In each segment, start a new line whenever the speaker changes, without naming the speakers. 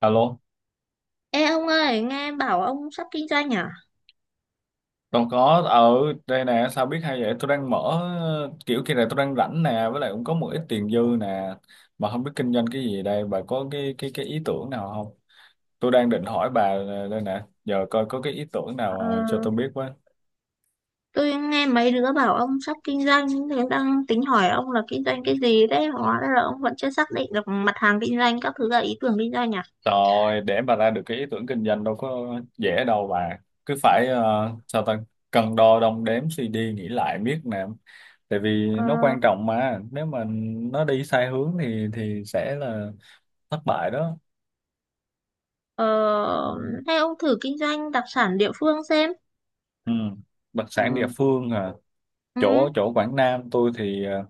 Alo,
Ê ông ơi, nghe bảo ông sắp kinh doanh à?
còn có ở đây nè, sao biết hay vậy? Tôi đang mở kiểu kia này, tôi đang rảnh nè, với lại cũng có một ít tiền dư nè, mà không biết kinh doanh cái gì đây, bà có cái ý tưởng nào không? Tôi đang định hỏi bà, đây nè, giờ coi có cái ý tưởng nào cho
Ờ,
tôi biết với.
tôi nghe mấy đứa bảo ông sắp kinh doanh, thì đang tính hỏi ông là kinh doanh cái gì đấy, hóa ra là ông vẫn chưa xác định được mặt hàng kinh doanh, các thứ là ý tưởng kinh doanh à?
Rồi, để bà ra được cái ý tưởng kinh doanh đâu có dễ đâu bà, cứ phải sao ta cân đo đong đếm suy đi nghĩ lại biết nè, tại vì
Ờ,
nó quan trọng mà, nếu mà nó đi sai hướng thì sẽ là thất bại đó.
ờ, Hay ông thử kinh doanh đặc sản địa phương xem.
Ừ. Đặc sản địa
Ừ,
phương à,
ừ,
chỗ chỗ Quảng Nam tôi thì,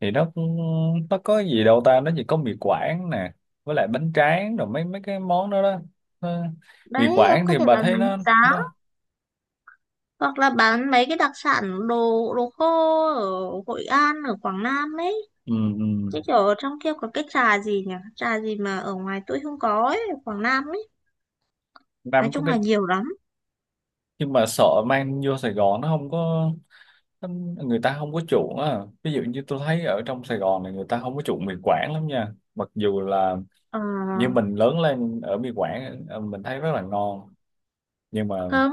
thì nó cũng- nó có gì đâu ta, nó chỉ có mì Quảng nè, với lại bánh tráng rồi mấy mấy cái món đó đó. Ờ, mì
đấy, ông
Quảng
có
thì
thể
bà
bán
thấy
bánh
nó
giá,
nó
hoặc là bán mấy cái đặc sản đồ đồ khô ở Hội An, ở Quảng Nam ấy.
ừ,
Chứ
ừ,
kiểu ở trong kia có cái trà gì nhỉ? Trà gì mà ở ngoài tôi không có ấy, ở Quảng Nam ấy. Nói
Nam có
chung
cái,
là nhiều lắm.
nhưng mà sợ mang vô Sài Gòn nó không có, nó- người ta không có chuộng á, ví dụ như tôi thấy ở trong Sài Gòn này người ta không có chuộng mì Quảng lắm nha, mặc dù là
Ờ,
như mình lớn lên ở mì Quảng, mình thấy rất là ngon, nhưng mà
Không,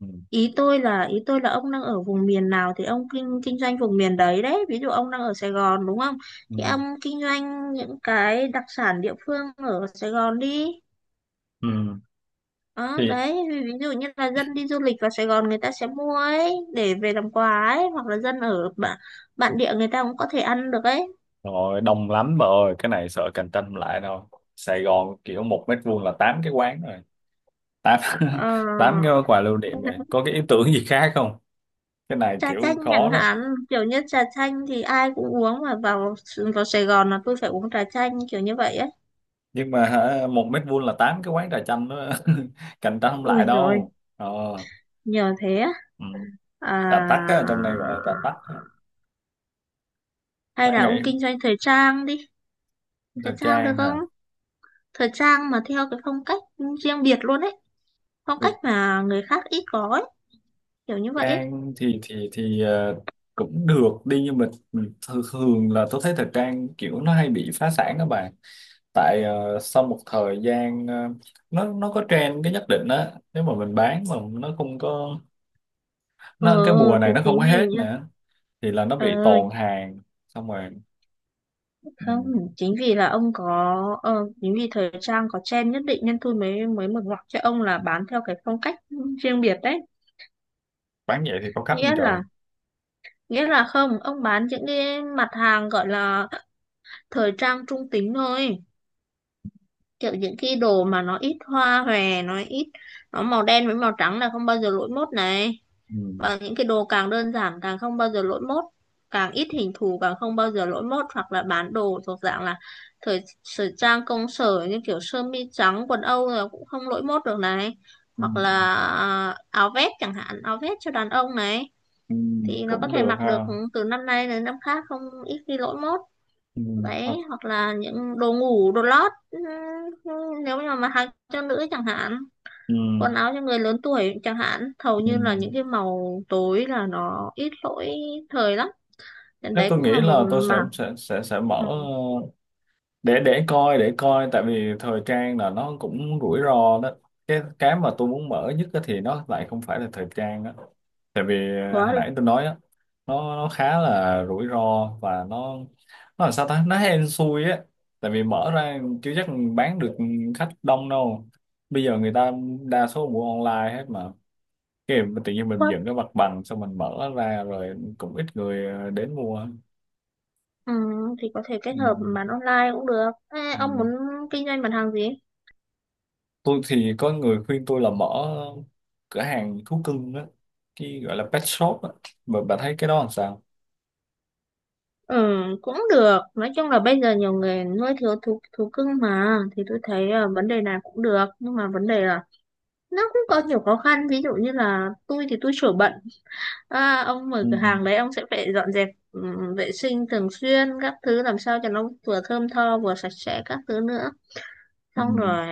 ừ,
ý tôi là ông đang ở vùng miền nào thì ông kinh kinh doanh vùng miền đấy đấy, ví dụ ông đang ở Sài Gòn đúng không,
ừ.
thì ông kinh doanh những cái đặc sản địa phương ở Sài Gòn đi.
Ừ.
Đó
Thì
đấy, ví ví dụ như là dân đi du lịch vào Sài Gòn người ta sẽ mua ấy để về làm quà ấy, hoặc là dân ở bản địa người ta cũng có thể ăn được ấy.
rồi đông lắm bà ơi, cái này sợ cạnh tranh không lại đâu. Sài Gòn kiểu một mét vuông là tám cái quán rồi, tám
Ờ,
tám cái quà lưu niệm rồi, có cái ý tưởng gì khác không, cái này
trà
kiểu
chanh chẳng
khó đó.
hạn, kiểu như trà chanh thì ai cũng uống, mà vào vào Sài Gòn là tôi phải uống trà chanh kiểu như vậy á.
Nhưng mà hả, một mét vuông là tám cái quán trà chanh đó cạnh tranh không lại
Ui rồi
đâu. Ờ,
nhờ thế á.
ừ. Trà tắc á,
À,
trong này gọi là trà tắc á.
hay
Văn
là
nghệ,
ông kinh doanh thời trang đi. Thời
thời
trang được
trang
không?
hả,
Thời trang mà theo cái phong cách riêng biệt luôn ấy, phong
thời
cách mà người khác ít có ấy, kiểu như vậy ấy.
trang thì, cũng được đi nhưng mà thường thường là tôi thấy thời trang kiểu nó hay bị phá sản đó bà, tại, sau một thời gian, nó có trend cái nhất định á, nếu mà mình bán mà nó không có,
ờ
nó cái mùa
thì
này nó không
chính
có
vì
hết
nhá.
nữa, thì là nó
ờ
bị tồn hàng xong rồi ừ,
Không, chính vì là ông có chính vì thời trang có trend nhất định nên tôi mới mới mở ngoặc cho ông là bán theo cái phong cách riêng biệt đấy.
bán vậy thì có khách
nghĩa
không trời.
là nghĩa là không, ông bán những cái mặt hàng gọi là thời trang trung tính thôi, kiểu những cái đồ mà nó ít hoa hòe, nó ít, nó màu đen với màu trắng là không bao giờ lỗi mốt này.
Ừ,
Và những cái đồ càng đơn giản càng không bao giờ lỗi mốt, càng ít hình thù càng không bao giờ lỗi mốt, hoặc là bán đồ thuộc dạng là thời thời trang công sở như kiểu sơ mi trắng quần Âu là cũng không lỗi mốt được này,
ừ,
hoặc là áo vest chẳng hạn, áo vest cho đàn ông này,
ừ,
thì nó có
cũng
thể
được
mặc được
ha.
từ năm nay đến năm khác, không ít khi lỗi mốt.
Ừ,
Đấy,
hoặc-
hoặc là những đồ ngủ đồ lót, nếu như mà mặc cho nữ chẳng hạn,
ừ,
quần áo cho người lớn tuổi chẳng hạn, hầu
ừ.
như là những cái màu tối là nó ít lỗi thời lắm, nên
Nếu
đấy
tôi
cũng
nghĩ
là một
là tôi sẽ
mảng.
sẽ sẽ sẽ mở
Ừ,
để coi, để coi, tại vì thời trang là nó cũng rủi ro đó. Cái mà tôi muốn mở nhất á thì nó lại không phải là thời trang đó, tại vì,
quá
hồi
là
nãy tôi nói á, nó khá là rủi ro và nó là sao ta, nó hên xui á, tại vì mở ra chưa chắc bán được, khách đông đâu, bây giờ người ta đa số mua online hết mà, cái mà tự nhiên mình
quá.
dựng cái mặt bằng xong mình mở ra rồi cũng ít người đến mua.
Ừ, thì có thể kết
Ừ.
hợp bán online cũng được. Ê,
Ừ.
ông muốn kinh doanh mặt hàng gì?
Tôi thì có người khuyên tôi là mở cửa hàng thú cưng á, cái gọi là pet shop á, mà bà thấy cái đó làm sao.
Ừ, cũng được. Nói chung là bây giờ nhiều người nuôi thú thú cưng mà, thì tôi thấy vấn đề này cũng được, nhưng mà vấn đề là nó cũng có nhiều khó khăn, ví dụ như là tôi thì tôi sửa bận. À, ông
Ừ.
mở cửa hàng đấy ông sẽ phải dọn dẹp, vệ sinh thường xuyên các thứ, làm sao cho nó vừa thơm tho vừa sạch sẽ các thứ nữa.
Ừ.
Xong rồi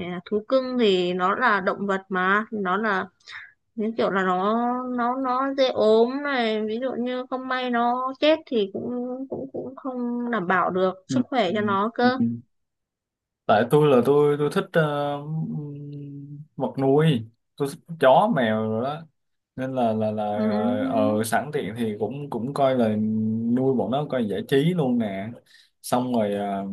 thú cưng thì nó là động vật, mà nó là những kiểu là nó nó dễ ốm này, ví dụ như không may nó chết thì cũng cũng cũng không đảm bảo được
Ừ.
sức khỏe cho nó
Ừ,
cơ.
ừ. Tại tôi là tôi thích vật nuôi, tôi thích chó mèo rồi đó, nên là là
Ừm,
ờ, ờ, sẵn tiện thì cũng cũng coi là nuôi bọn nó coi giải trí luôn nè. Xong rồi ờ,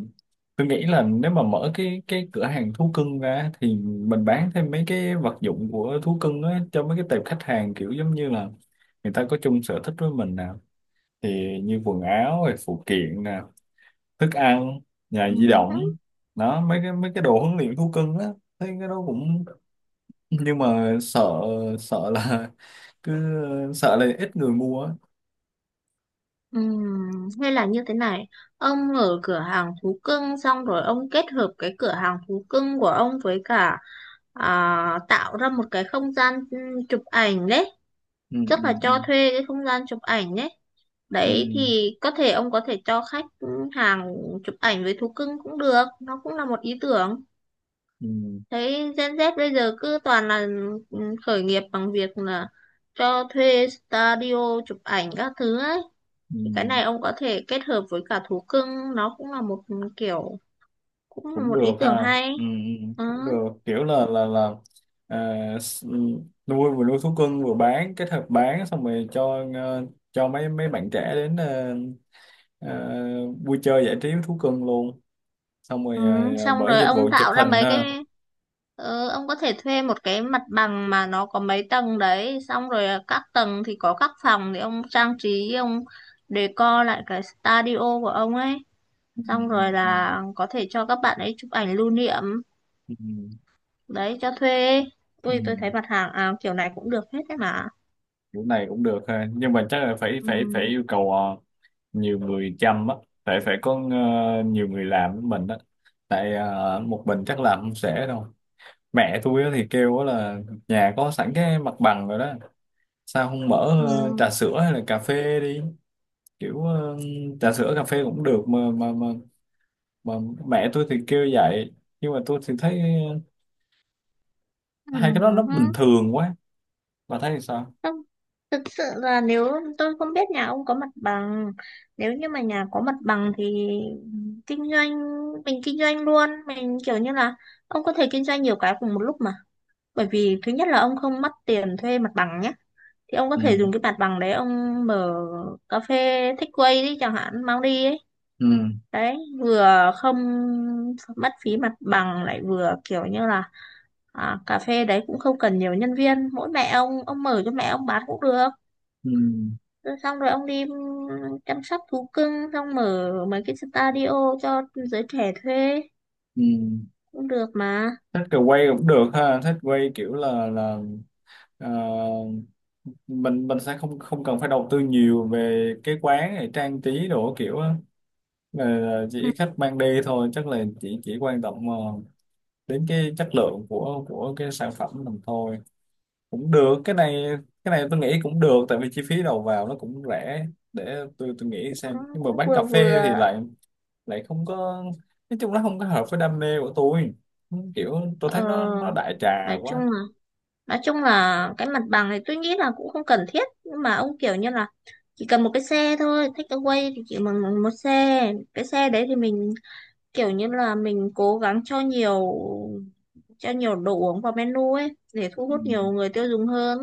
tôi nghĩ là nếu mà mở cái cửa hàng thú cưng ra thì mình bán thêm mấy cái vật dụng của thú cưng á, cho mấy cái tệp khách hàng kiểu giống như là người ta có chung sở thích với mình nè, thì như quần áo rồi phụ kiện nè, thức ăn, nhà di
ừm.
động, đó mấy cái đồ huấn luyện thú cưng á, thấy cái đó cũng, nhưng mà sợ, sợ là cứ sợ là ít người mua á.
Hay là như thế này, ông mở cửa hàng thú cưng xong rồi ông kết hợp cái cửa hàng thú cưng của ông với cả tạo ra một cái không gian, chụp ảnh đấy,
Ừ,
chắc
ừ,
là cho thuê cái không gian chụp ảnh đấy.
ừ,
Đấy,
ừ,
thì có thể ông có thể cho khách hàng chụp ảnh với thú cưng cũng được, nó cũng là một ý tưởng.
ừ,
Thấy Gen Z bây giờ cứ toàn là, ừ, khởi nghiệp bằng việc là cho thuê studio chụp ảnh các thứ ấy. Thì cái
ừ.
này ông có thể kết hợp với cả thú cưng, nó cũng là một kiểu, cũng là
Cũng
một
được
ý tưởng
ha.
hay.
Ừ, ừ,
Ừ.
cũng được, kiểu là là à, ừ, nuôi, vừa nuôi thú cưng vừa bán kết hợp bán, xong rồi cho cho mấy mấy bạn trẻ đến ờ, ờ, vui chơi giải trí với thú cưng luôn. Xong
Ừ.
rồi ờ, ờ,
Xong
bởi
rồi
dịch
ông
vụ chụp
tạo ra
hình
mấy cái,
ha.
ông có thể thuê một cái mặt bằng mà nó có mấy tầng đấy, xong rồi các tầng thì có các phòng thì ông trang trí, ông decor lại cái studio của ông ấy,
Ừ,
xong rồi
ừ,
là có thể cho các bạn ấy chụp ảnh lưu niệm
ừ, ừ,
đấy cho thuê.
ừ.
Tôi
Ừ.
thấy mặt hàng kiểu này cũng được hết đấy mà.
Kiểu này cũng được ha, nhưng mà chắc là phải
Ừ.
phải phải yêu cầu nhiều người chăm á, phải phải có nhiều người làm với mình á, tại, một mình chắc làm không sẽ đâu. Mẹ tôi á thì kêu á là nhà có sẵn cái mặt bằng rồi đó, sao không mở
Ừ.
trà sữa hay là cà phê đi, kiểu trà sữa cà phê cũng được mà mà mẹ tôi thì kêu vậy nhưng mà tôi thì thấy
Ừ.
hai cái đó nó bình
Ừ.
thường quá, bà thấy thì sao.
Không, thực sự là nếu, tôi không biết nhà ông có mặt bằng, nếu như mà nhà có mặt bằng thì kinh doanh, mình kinh doanh luôn, mình kiểu như là ông có thể kinh doanh nhiều cái cùng một lúc mà. Bởi vì thứ nhất là ông không mất tiền thuê mặt bằng nhé. Thì ông có thể
Ừ,
dùng cái mặt bằng đấy ông mở cà phê takeaway đi chẳng hạn, mang đi ấy.
ừ,
Đấy, vừa không mất phí mặt bằng lại vừa kiểu như là cà phê đấy cũng không cần nhiều nhân viên, mỗi mẹ ông mở cho mẹ ông bán cũng được.
ừ,
Rồi xong rồi ông đi chăm sóc thú cưng xong mở mấy cái studio cho giới trẻ thuê
ừ.
cũng được mà.
Thích kiểu quay cũng được ha, thích quay kiểu là là ờ, mình sẽ không, không cần phải đầu tư nhiều về cái quán này trang trí đồ kiểu á. Ờ,
Ừ,
chỉ khách mang đi thôi, chắc là chỉ quan tâm đến cái chất lượng của cái sản phẩm mình thôi. Cũng được, cái này, cái này tôi nghĩ cũng được tại vì chi phí đầu vào nó cũng rẻ, để tôi nghĩ xem.
cũng
Nhưng mà
cũng
bán cà
vừa
phê thì
vừa
lại lại không có, nói chung nó không có hợp với đam mê của tôi, kiểu tôi thấy nó
ờ,
đại trà
nói chung
quá.
là, nói chung là cái mặt bằng này tôi nghĩ là cũng không cần thiết, nhưng mà ông kiểu như là chỉ cần một cái xe thôi, take away thì chỉ bằng bằng một xe. Cái xe đấy thì mình kiểu như là mình cố gắng cho nhiều, cho nhiều đồ uống vào menu ấy để thu
Ừ.
hút nhiều người tiêu dùng hơn.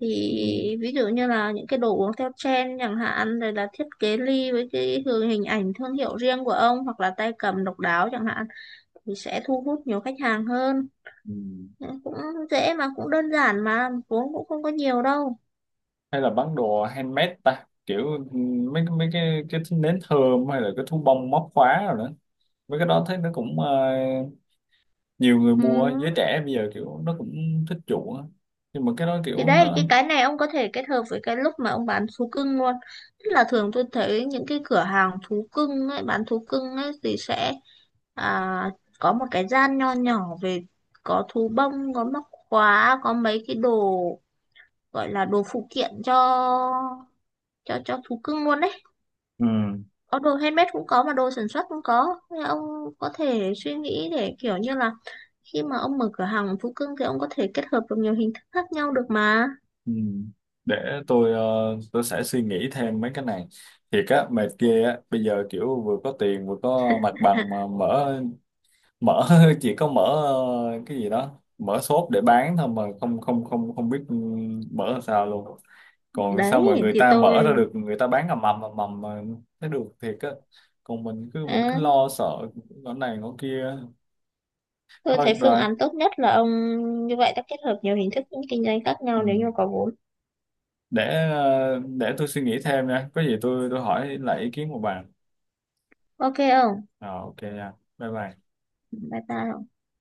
Thì
Ừ.
ví dụ như là những cái đồ uống theo trend chẳng hạn, rồi là thiết kế ly với cái hình ảnh thương hiệu riêng của ông, hoặc là tay cầm độc đáo chẳng hạn, thì sẽ thu hút nhiều khách hàng hơn.
Ừ.
Cũng dễ mà, cũng đơn giản mà, vốn cũng không có nhiều đâu.
Hay là bán đồ handmade ta, kiểu ừ, mấy mấy cái nến thơm, hay là cái thú bông móc khóa rồi nữa, mấy cái đó thấy nó cũng nhiều người mua, giới
Ừ.
trẻ bây giờ kiểu nó cũng thích chuộng á, nhưng mà cái đó
Thì
kiểu
đấy,
nó
cái này ông có thể kết hợp với cái lúc mà ông bán thú cưng luôn. Tức là thường tôi thấy những cái cửa hàng thú cưng ấy, bán thú cưng ấy thì sẽ à, có một cái gian nho nhỏ về, có thú bông, có móc khóa, có mấy cái đồ gọi là đồ phụ kiện cho cho thú cưng luôn đấy.
ừ.
Có đồ handmade cũng có mà đồ sản xuất cũng có. Nên ông có thể suy nghĩ để kiểu như là khi mà ông mở cửa hàng thú cưng thì ông có thể kết hợp được nhiều hình thức khác nhau được mà.
Ừ. Để tôi tôi sẽ suy nghĩ thêm mấy cái này. Thiệt á mệt ghê á, bây giờ kiểu vừa có tiền vừa có mặt bằng mà mở, mở chỉ có mở cái gì đó, mở shop để bán thôi mà không không không không biết ừ, mở làm sao luôn. Còn sao
Đấy
mà người
thì
ta mở ra
tôi,
được, người ta bán ầm ầm mà thấy được thiệt á, còn mình cứ
à,
lo sợ ngõ này ngõ kia,
tôi
thôi
thấy
được
phương
rồi
án tốt nhất là ông như vậy ta, kết hợp nhiều hình thức kinh doanh khác
ừ.
nhau nếu như có vốn.
Để để tôi suy nghĩ thêm nha, có gì tôi hỏi lại ý kiến của bà.
Ok không?
Ờ, ok anh. Bye bye.
Bye bye.